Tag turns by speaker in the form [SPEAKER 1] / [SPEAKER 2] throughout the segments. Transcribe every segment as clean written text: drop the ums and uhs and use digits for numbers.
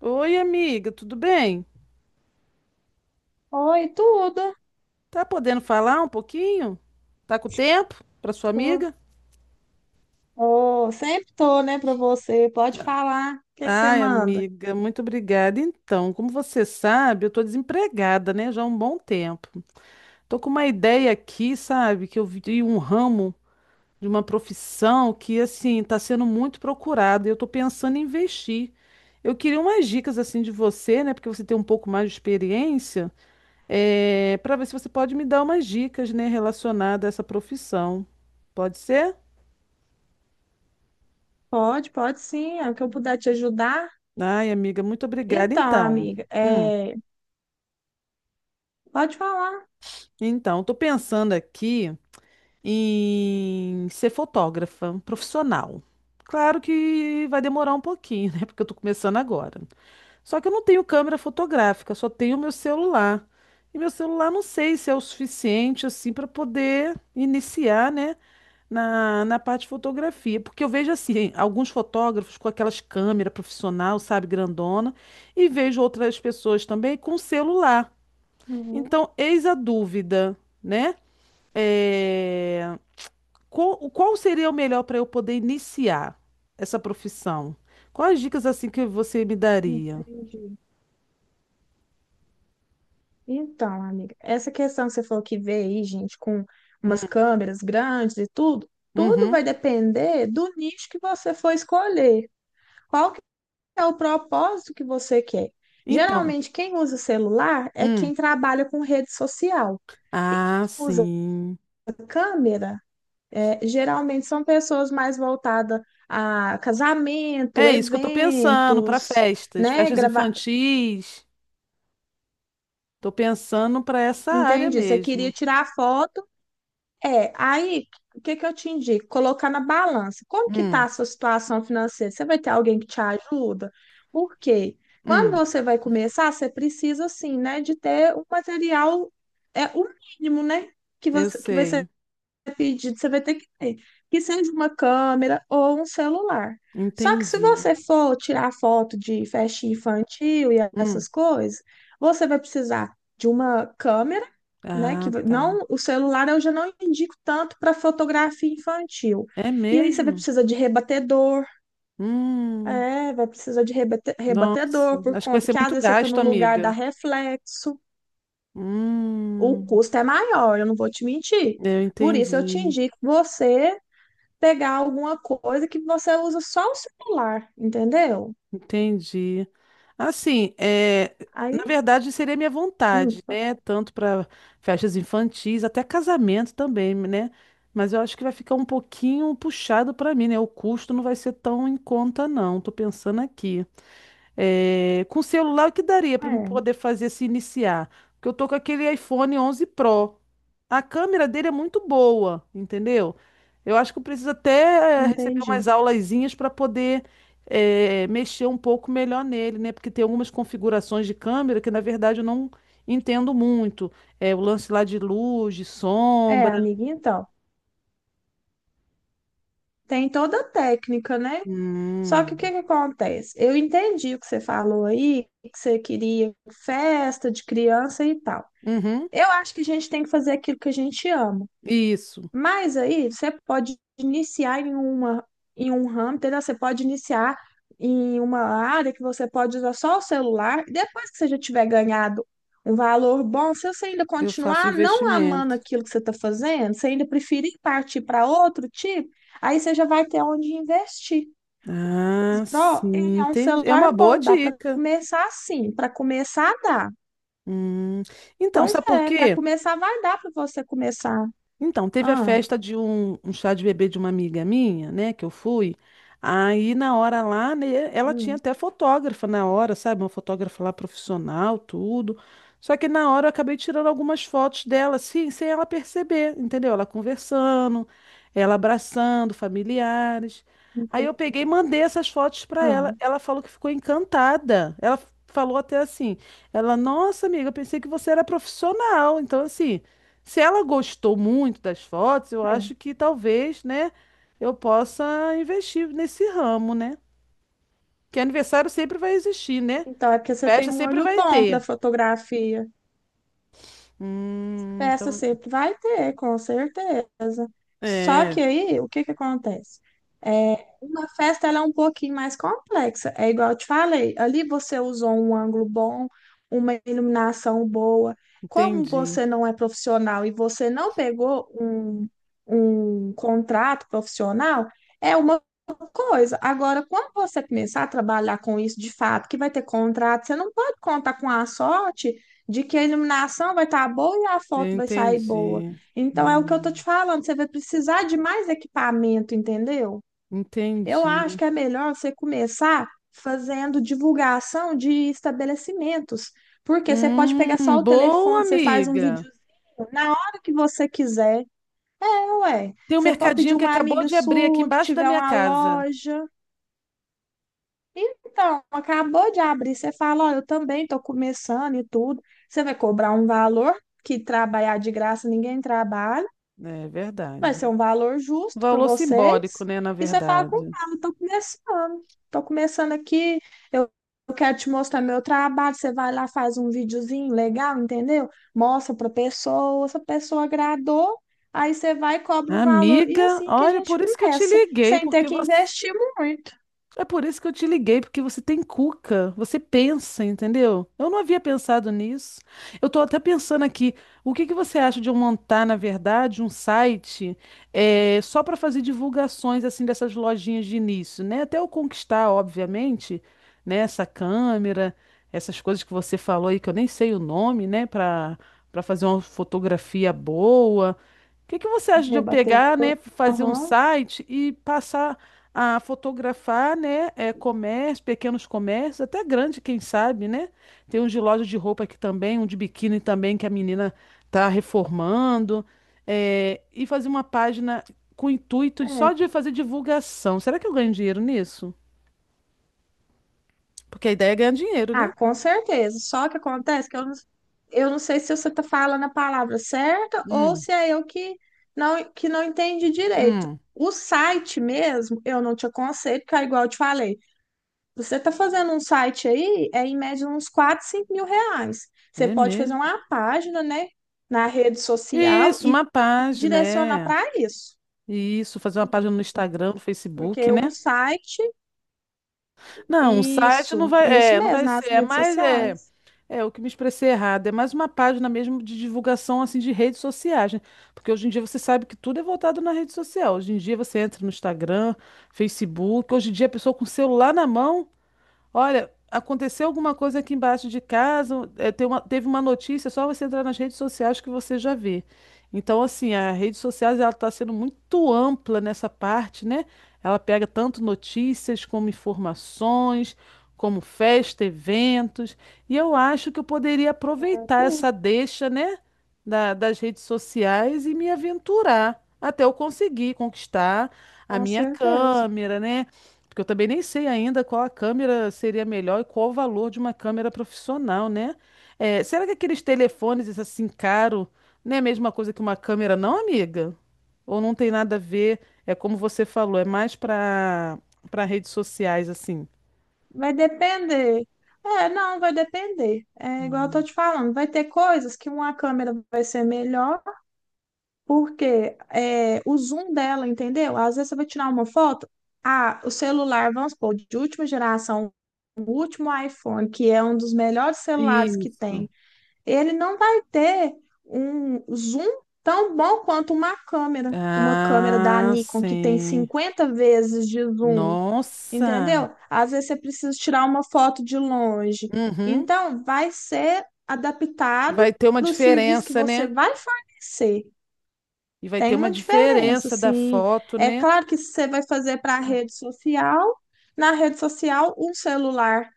[SPEAKER 1] Oi, amiga, tudo bem?
[SPEAKER 2] Oi, tudo.
[SPEAKER 1] Tá podendo falar um pouquinho? Tá com tempo para sua
[SPEAKER 2] Tô-
[SPEAKER 1] amiga?
[SPEAKER 2] Ô, sempre tô, né, pra você. Pode falar. O que que você
[SPEAKER 1] Ai,
[SPEAKER 2] manda?
[SPEAKER 1] amiga, muito obrigada. Então, como você sabe, eu tô desempregada, né, já há um bom tempo. Tô com uma ideia aqui, sabe, que eu vi um ramo de uma profissão que assim tá sendo muito procurado e eu tô pensando em investir. Eu queria umas dicas assim de você, né, porque você tem um pouco mais de experiência para ver se você pode me dar umas dicas, né, relacionadas a essa profissão. Pode ser?
[SPEAKER 2] Pode, pode sim. É o que eu puder te ajudar.
[SPEAKER 1] Ai, amiga, muito obrigada.
[SPEAKER 2] Então, amiga,
[SPEAKER 1] Hum,
[SPEAKER 2] pode falar.
[SPEAKER 1] então, estou pensando aqui em ser fotógrafa profissional. Claro que vai demorar um pouquinho, né? Porque eu estou começando agora. Só que eu não tenho câmera fotográfica, só tenho meu celular. E meu celular não sei se é o suficiente assim para poder iniciar, né? Na parte de fotografia, porque eu vejo assim, alguns fotógrafos com aquelas câmeras profissional, sabe, grandona, e vejo outras pessoas também com celular.
[SPEAKER 2] Uhum,
[SPEAKER 1] Então, eis a dúvida, né? É, qual seria o melhor para eu poder iniciar essa profissão? Quais dicas assim que você me daria?
[SPEAKER 2] entendi. Então, amiga, essa questão que você falou que vê aí, gente, com umas
[SPEAKER 1] Hum,
[SPEAKER 2] câmeras grandes e tudo, tudo
[SPEAKER 1] uhum.
[SPEAKER 2] vai depender do nicho que você for escolher. Qual que é o propósito que você quer?
[SPEAKER 1] Então,
[SPEAKER 2] Geralmente, quem usa celular é
[SPEAKER 1] hum.
[SPEAKER 2] quem trabalha com rede social. E quem
[SPEAKER 1] Ah,
[SPEAKER 2] usa
[SPEAKER 1] sim.
[SPEAKER 2] câmera, é, geralmente são pessoas mais voltadas a casamento,
[SPEAKER 1] É isso que eu tô pensando para
[SPEAKER 2] eventos,
[SPEAKER 1] festas,
[SPEAKER 2] né?
[SPEAKER 1] festas
[SPEAKER 2] Gravar,
[SPEAKER 1] infantis. Tô pensando para essa área
[SPEAKER 2] entendi. Você queria
[SPEAKER 1] mesmo.
[SPEAKER 2] tirar foto, é. Aí, o que que eu te indico? Colocar na balança. Como que tá
[SPEAKER 1] Hum,
[SPEAKER 2] a sua situação financeira? Você vai ter alguém que te ajuda? Por quê? Quando
[SPEAKER 1] hum,
[SPEAKER 2] você vai começar, você precisa, assim, né, de ter um material, é o mínimo, né? Que
[SPEAKER 1] eu
[SPEAKER 2] você, que vai ser
[SPEAKER 1] sei.
[SPEAKER 2] pedido, você vai ter, que seja uma câmera ou um celular. Só que se
[SPEAKER 1] Entendi.
[SPEAKER 2] você for tirar foto de festa infantil e
[SPEAKER 1] Hum,
[SPEAKER 2] essas coisas, você vai precisar de uma câmera, né?
[SPEAKER 1] ah, tá.
[SPEAKER 2] Não, o celular eu já não indico tanto para fotografia infantil.
[SPEAKER 1] É
[SPEAKER 2] E aí você vai
[SPEAKER 1] mesmo?
[SPEAKER 2] precisar de rebatedor,
[SPEAKER 1] Hum,
[SPEAKER 2] é, vai precisar de
[SPEAKER 1] Nossa.
[SPEAKER 2] rebatedor por
[SPEAKER 1] Acho que vai
[SPEAKER 2] conta
[SPEAKER 1] ser
[SPEAKER 2] que às
[SPEAKER 1] muito
[SPEAKER 2] vezes você está
[SPEAKER 1] gasto,
[SPEAKER 2] no lugar da
[SPEAKER 1] amiga.
[SPEAKER 2] reflexo. O
[SPEAKER 1] Hum,
[SPEAKER 2] custo é maior, eu não vou te mentir.
[SPEAKER 1] eu
[SPEAKER 2] Por isso eu te
[SPEAKER 1] entendi.
[SPEAKER 2] indico você pegar alguma coisa que você usa só o celular, entendeu?
[SPEAKER 1] Entendi. Assim, é,
[SPEAKER 2] Aí,
[SPEAKER 1] na verdade, seria minha
[SPEAKER 2] hum,
[SPEAKER 1] vontade, né? Tanto para festas infantis, até casamento também, né? Mas eu acho que vai ficar um pouquinho puxado para mim, né? O custo não vai ser tão em conta, não. Tô pensando aqui. É, com celular, o que daria para me
[SPEAKER 2] é,
[SPEAKER 1] poder fazer se iniciar? Porque eu tô com aquele iPhone 11 Pro. A câmera dele é muito boa, entendeu? Eu acho que eu preciso até receber
[SPEAKER 2] entendi.
[SPEAKER 1] umas aulazinhas para poder mexer um pouco melhor nele, né? Porque tem algumas configurações de câmera que, na verdade, eu não entendo muito. É, o lance lá de luz, de
[SPEAKER 2] É,
[SPEAKER 1] sombra.
[SPEAKER 2] amiga, então, tem toda a técnica, né? Só que o que
[SPEAKER 1] Hum.
[SPEAKER 2] que acontece? Eu entendi o que você falou aí, que você queria festa de criança e tal.
[SPEAKER 1] Uhum.
[SPEAKER 2] Eu acho que a gente tem que fazer aquilo que a gente ama.
[SPEAKER 1] Isso,
[SPEAKER 2] Mas aí você pode iniciar em uma em um ramo, entendeu? Você pode iniciar em uma área que você pode usar só o celular. Depois que você já tiver ganhado um valor bom, se você ainda
[SPEAKER 1] eu faço
[SPEAKER 2] continuar não amando
[SPEAKER 1] investimento.
[SPEAKER 2] aquilo que você está fazendo, você ainda preferir partir para outro tipo, aí você já vai ter onde investir.
[SPEAKER 1] Ah,
[SPEAKER 2] Pro, ele
[SPEAKER 1] sim,
[SPEAKER 2] é um
[SPEAKER 1] entendi. É uma
[SPEAKER 2] celular
[SPEAKER 1] boa
[SPEAKER 2] bom, dá para
[SPEAKER 1] dica.
[SPEAKER 2] começar assim, para começar dá.
[SPEAKER 1] Hum, Então,
[SPEAKER 2] Pois
[SPEAKER 1] sabe por
[SPEAKER 2] é, para
[SPEAKER 1] quê?
[SPEAKER 2] começar vai dar para você começar.
[SPEAKER 1] Então, teve a
[SPEAKER 2] Ah,
[SPEAKER 1] festa de um chá de bebê de uma amiga minha, né, que eu fui. Aí na hora lá, né, ela tinha
[SPEAKER 2] hum,
[SPEAKER 1] até fotógrafa na hora, sabe? Uma fotógrafa lá profissional, tudo. Só que na hora eu acabei tirando algumas fotos dela, assim, sem ela perceber, entendeu? Ela conversando, ela abraçando familiares. Aí eu
[SPEAKER 2] entendi.
[SPEAKER 1] peguei e mandei essas fotos para
[SPEAKER 2] Ah,
[SPEAKER 1] ela. Ela falou que ficou encantada. Ela falou até assim: ela, nossa, amiga, eu pensei que você era profissional. Então, assim. Se ela gostou muito das fotos, eu acho
[SPEAKER 2] é.
[SPEAKER 1] que talvez, né, eu possa investir nesse ramo, né? Que aniversário sempre vai existir, né?
[SPEAKER 2] Então, é porque você tem
[SPEAKER 1] Festa
[SPEAKER 2] um
[SPEAKER 1] sempre
[SPEAKER 2] olho
[SPEAKER 1] vai
[SPEAKER 2] bom para
[SPEAKER 1] ter.
[SPEAKER 2] fotografia.
[SPEAKER 1] Hum,
[SPEAKER 2] Festa
[SPEAKER 1] então,
[SPEAKER 2] sempre vai ter, com certeza. Só
[SPEAKER 1] é,
[SPEAKER 2] que aí, o que que acontece? É, uma festa ela é um pouquinho mais complexa. É igual eu te falei, ali você usou um ângulo bom, uma iluminação boa. Como
[SPEAKER 1] entendi.
[SPEAKER 2] você não é profissional e você não pegou um contrato profissional, é uma coisa. Agora, quando você começar a trabalhar com isso de fato, que vai ter contrato, você não pode contar com a sorte de que a iluminação vai estar boa e a
[SPEAKER 1] Eu
[SPEAKER 2] foto vai sair boa.
[SPEAKER 1] entendi.
[SPEAKER 2] Então é o que eu tô
[SPEAKER 1] Hum,
[SPEAKER 2] te falando, você vai precisar de mais equipamento, entendeu? Eu acho
[SPEAKER 1] entendi.
[SPEAKER 2] que é melhor você começar fazendo divulgação de estabelecimentos, porque você pode pegar só o
[SPEAKER 1] Boa,
[SPEAKER 2] telefone, você faz um
[SPEAKER 1] amiga.
[SPEAKER 2] videozinho na hora que você quiser. É, ué,
[SPEAKER 1] Tem um
[SPEAKER 2] você pode pedir
[SPEAKER 1] mercadinho que
[SPEAKER 2] uma
[SPEAKER 1] acabou
[SPEAKER 2] amiga
[SPEAKER 1] de abrir aqui
[SPEAKER 2] sua que
[SPEAKER 1] embaixo da
[SPEAKER 2] tiver
[SPEAKER 1] minha
[SPEAKER 2] uma
[SPEAKER 1] casa.
[SPEAKER 2] loja. Então, acabou de abrir, você fala, ó, eu também estou começando e tudo. Você vai cobrar um valor que trabalhar de graça ninguém trabalha,
[SPEAKER 1] É
[SPEAKER 2] vai
[SPEAKER 1] verdade.
[SPEAKER 2] ser um valor justo para
[SPEAKER 1] Valor simbólico,
[SPEAKER 2] vocês.
[SPEAKER 1] né, na
[SPEAKER 2] E você fala com
[SPEAKER 1] verdade.
[SPEAKER 2] calma, estou começando aqui, eu eu quero te mostrar meu trabalho. Você vai lá, faz um videozinho legal, entendeu? Mostra para pessoa, se a pessoa agradou, aí você vai e cobra um valor. E
[SPEAKER 1] Amiga,
[SPEAKER 2] assim que a
[SPEAKER 1] olha,
[SPEAKER 2] gente
[SPEAKER 1] por isso que eu te
[SPEAKER 2] começa,
[SPEAKER 1] liguei,
[SPEAKER 2] sem ter
[SPEAKER 1] porque
[SPEAKER 2] que
[SPEAKER 1] você,
[SPEAKER 2] investir muito.
[SPEAKER 1] é por isso que eu te liguei, porque você tem cuca, você pensa, entendeu? Eu não havia pensado nisso. Eu tô até pensando aqui, o que que você acha de eu montar, na verdade, um site só para fazer divulgações assim dessas lojinhas de início, né? Até eu conquistar, obviamente, né, essa câmera, essas coisas que você falou aí que eu nem sei o nome, né, para fazer uma fotografia boa. O que que você
[SPEAKER 2] O
[SPEAKER 1] acha de eu pegar,
[SPEAKER 2] rebatedor.
[SPEAKER 1] né, fazer um
[SPEAKER 2] Aham.
[SPEAKER 1] site e passar a fotografar, né, é, comércio, pequenos comércios, até grande, quem sabe, né? Tem um de loja de roupa aqui também, um de biquíni também que a menina tá reformando, é, e fazer uma página com o só
[SPEAKER 2] É.
[SPEAKER 1] de fazer divulgação. Será que eu ganho dinheiro nisso? Porque a ideia é ganhar dinheiro,
[SPEAKER 2] Ah,
[SPEAKER 1] né?
[SPEAKER 2] com certeza. Só que acontece que eu não sei se você está falando a palavra certa ou
[SPEAKER 1] Hum,
[SPEAKER 2] se é eu que não entendi direito.
[SPEAKER 1] hum,
[SPEAKER 2] O site mesmo, eu não te aconselho, porque é igual eu te falei, você está fazendo um site aí, é em média uns 4, 5 mil reais. Você
[SPEAKER 1] é
[SPEAKER 2] pode fazer
[SPEAKER 1] mesmo.
[SPEAKER 2] uma página, né, na rede social
[SPEAKER 1] Isso,
[SPEAKER 2] e
[SPEAKER 1] uma página,
[SPEAKER 2] direcionar
[SPEAKER 1] é.
[SPEAKER 2] para isso.
[SPEAKER 1] Isso, fazer uma página no Instagram, no Facebook,
[SPEAKER 2] Porque um
[SPEAKER 1] né?
[SPEAKER 2] site,
[SPEAKER 1] Não, um site não vai,
[SPEAKER 2] isso
[SPEAKER 1] é, não
[SPEAKER 2] mesmo,
[SPEAKER 1] vai
[SPEAKER 2] nas
[SPEAKER 1] ser, é
[SPEAKER 2] redes
[SPEAKER 1] mais, é,
[SPEAKER 2] sociais.
[SPEAKER 1] é o que me expressei errado, é mais uma página mesmo de divulgação, assim, de redes sociais, né? Porque hoje em dia você sabe que tudo é voltado na rede social, hoje em dia você entra no Instagram, Facebook, hoje em dia a pessoa com o celular na mão, olha, aconteceu alguma coisa aqui embaixo de casa, é, teve uma notícia, é só você entrar nas redes sociais que você já vê. Então, assim, a rede sociais ela está sendo muito ampla nessa parte, né? Ela pega tanto notícias como informações, como festa, eventos. E eu acho que eu poderia
[SPEAKER 2] É
[SPEAKER 1] aproveitar
[SPEAKER 2] tudo,
[SPEAKER 1] essa deixa, né, das redes sociais e me aventurar até eu conseguir conquistar a
[SPEAKER 2] com
[SPEAKER 1] minha
[SPEAKER 2] certeza.
[SPEAKER 1] câmera, né? Porque eu também nem sei ainda qual a câmera seria melhor e qual o valor de uma câmera profissional, né? É, será que aqueles telefones assim caro não é a mesma coisa que uma câmera, não, amiga? Ou não tem nada a ver? É como você falou, é mais para redes sociais assim.
[SPEAKER 2] Vai depender. É, não, vai depender. É igual eu tô te falando, vai ter coisas que uma câmera vai ser melhor, porque é, o zoom dela, entendeu? Às vezes você vai tirar uma foto, ah, o celular, vamos supor, de última geração, o último iPhone, que é um dos melhores celulares que
[SPEAKER 1] Isso.
[SPEAKER 2] tem, ele não vai ter um zoom tão bom quanto uma câmera da
[SPEAKER 1] Ah,
[SPEAKER 2] Nikon que tem
[SPEAKER 1] sim.
[SPEAKER 2] 50 vezes de zoom,
[SPEAKER 1] Nossa.
[SPEAKER 2] entendeu? Às vezes você precisa tirar uma foto de longe.
[SPEAKER 1] Uhum.
[SPEAKER 2] Então, vai ser adaptado
[SPEAKER 1] Vai ter uma
[SPEAKER 2] para o serviço que
[SPEAKER 1] diferença,
[SPEAKER 2] você
[SPEAKER 1] né?
[SPEAKER 2] vai fornecer.
[SPEAKER 1] E vai ter
[SPEAKER 2] Tem
[SPEAKER 1] uma
[SPEAKER 2] uma diferença,
[SPEAKER 1] diferença da
[SPEAKER 2] assim.
[SPEAKER 1] foto,
[SPEAKER 2] É
[SPEAKER 1] né?
[SPEAKER 2] claro que se você vai fazer para a rede social, na rede social, um celular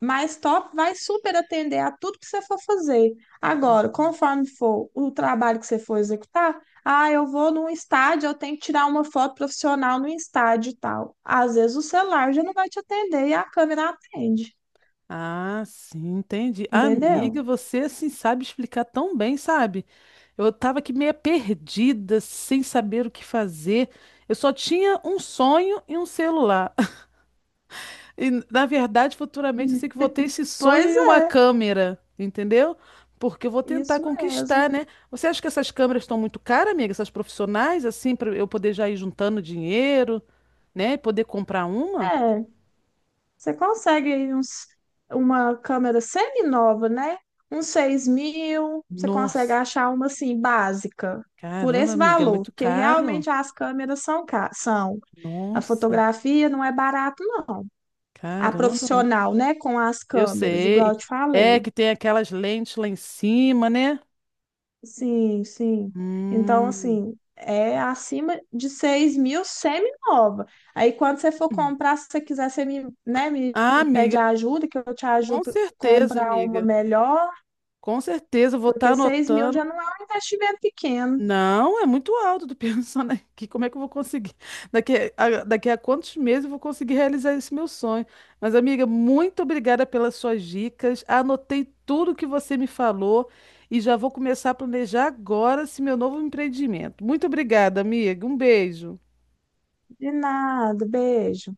[SPEAKER 2] mais top vai super atender a tudo que você for fazer. Agora, conforme for o trabalho que você for executar, ah, eu vou num estádio, eu tenho que tirar uma foto profissional no estádio e tal. Às vezes o celular já não vai te atender e a câmera atende,
[SPEAKER 1] Ah, sim, entendi. Amiga,
[SPEAKER 2] entendeu?
[SPEAKER 1] você assim sabe explicar tão bem, sabe? Eu tava aqui meio perdida, sem saber o que fazer. Eu só tinha um sonho e um celular. E, na verdade, futuramente eu sei
[SPEAKER 2] Hum.
[SPEAKER 1] que vou ter esse sonho
[SPEAKER 2] Pois
[SPEAKER 1] e uma
[SPEAKER 2] é,
[SPEAKER 1] câmera, entendeu? Porque eu vou tentar
[SPEAKER 2] isso mesmo.
[SPEAKER 1] conquistar, né? Você acha que essas câmeras estão muito caras, amiga? Essas profissionais, assim, para eu poder já ir juntando dinheiro, né? E poder comprar uma?
[SPEAKER 2] É. Você consegue aí uma câmera semi-nova, né? Uns 6 mil, você consegue
[SPEAKER 1] Nossa,
[SPEAKER 2] achar uma assim, básica, por
[SPEAKER 1] caramba,
[SPEAKER 2] esse
[SPEAKER 1] amiga, é
[SPEAKER 2] valor,
[SPEAKER 1] muito
[SPEAKER 2] porque
[SPEAKER 1] caro.
[SPEAKER 2] realmente as câmeras são. A
[SPEAKER 1] Nossa,
[SPEAKER 2] fotografia não é barato, não. A
[SPEAKER 1] caramba, muito
[SPEAKER 2] profissional,
[SPEAKER 1] caro.
[SPEAKER 2] né, com as
[SPEAKER 1] Eu
[SPEAKER 2] câmeras, igual
[SPEAKER 1] sei.
[SPEAKER 2] eu te
[SPEAKER 1] É
[SPEAKER 2] falei.
[SPEAKER 1] que tem aquelas lentes lá em cima, né?
[SPEAKER 2] Sim, sim. Então,
[SPEAKER 1] Hum.
[SPEAKER 2] assim, é acima de 6 mil semi-nova. Aí, quando você for comprar, se você quiser, você me, né,
[SPEAKER 1] Ah,
[SPEAKER 2] me pede ajuda, que eu te ajudo a comprar uma
[SPEAKER 1] amiga.
[SPEAKER 2] melhor,
[SPEAKER 1] Com certeza, eu vou estar
[SPEAKER 2] porque 6 mil
[SPEAKER 1] anotando.
[SPEAKER 2] já não é um investimento pequeno.
[SPEAKER 1] Não, é muito alto. Tô pensando aqui, como é que eu vou conseguir? Daqui a quantos meses eu vou conseguir realizar esse meu sonho? Mas, amiga, muito obrigada pelas suas dicas. Anotei tudo que você me falou e já vou começar a planejar agora esse meu novo empreendimento. Muito obrigada, amiga. Um beijo.
[SPEAKER 2] De nada, beijo.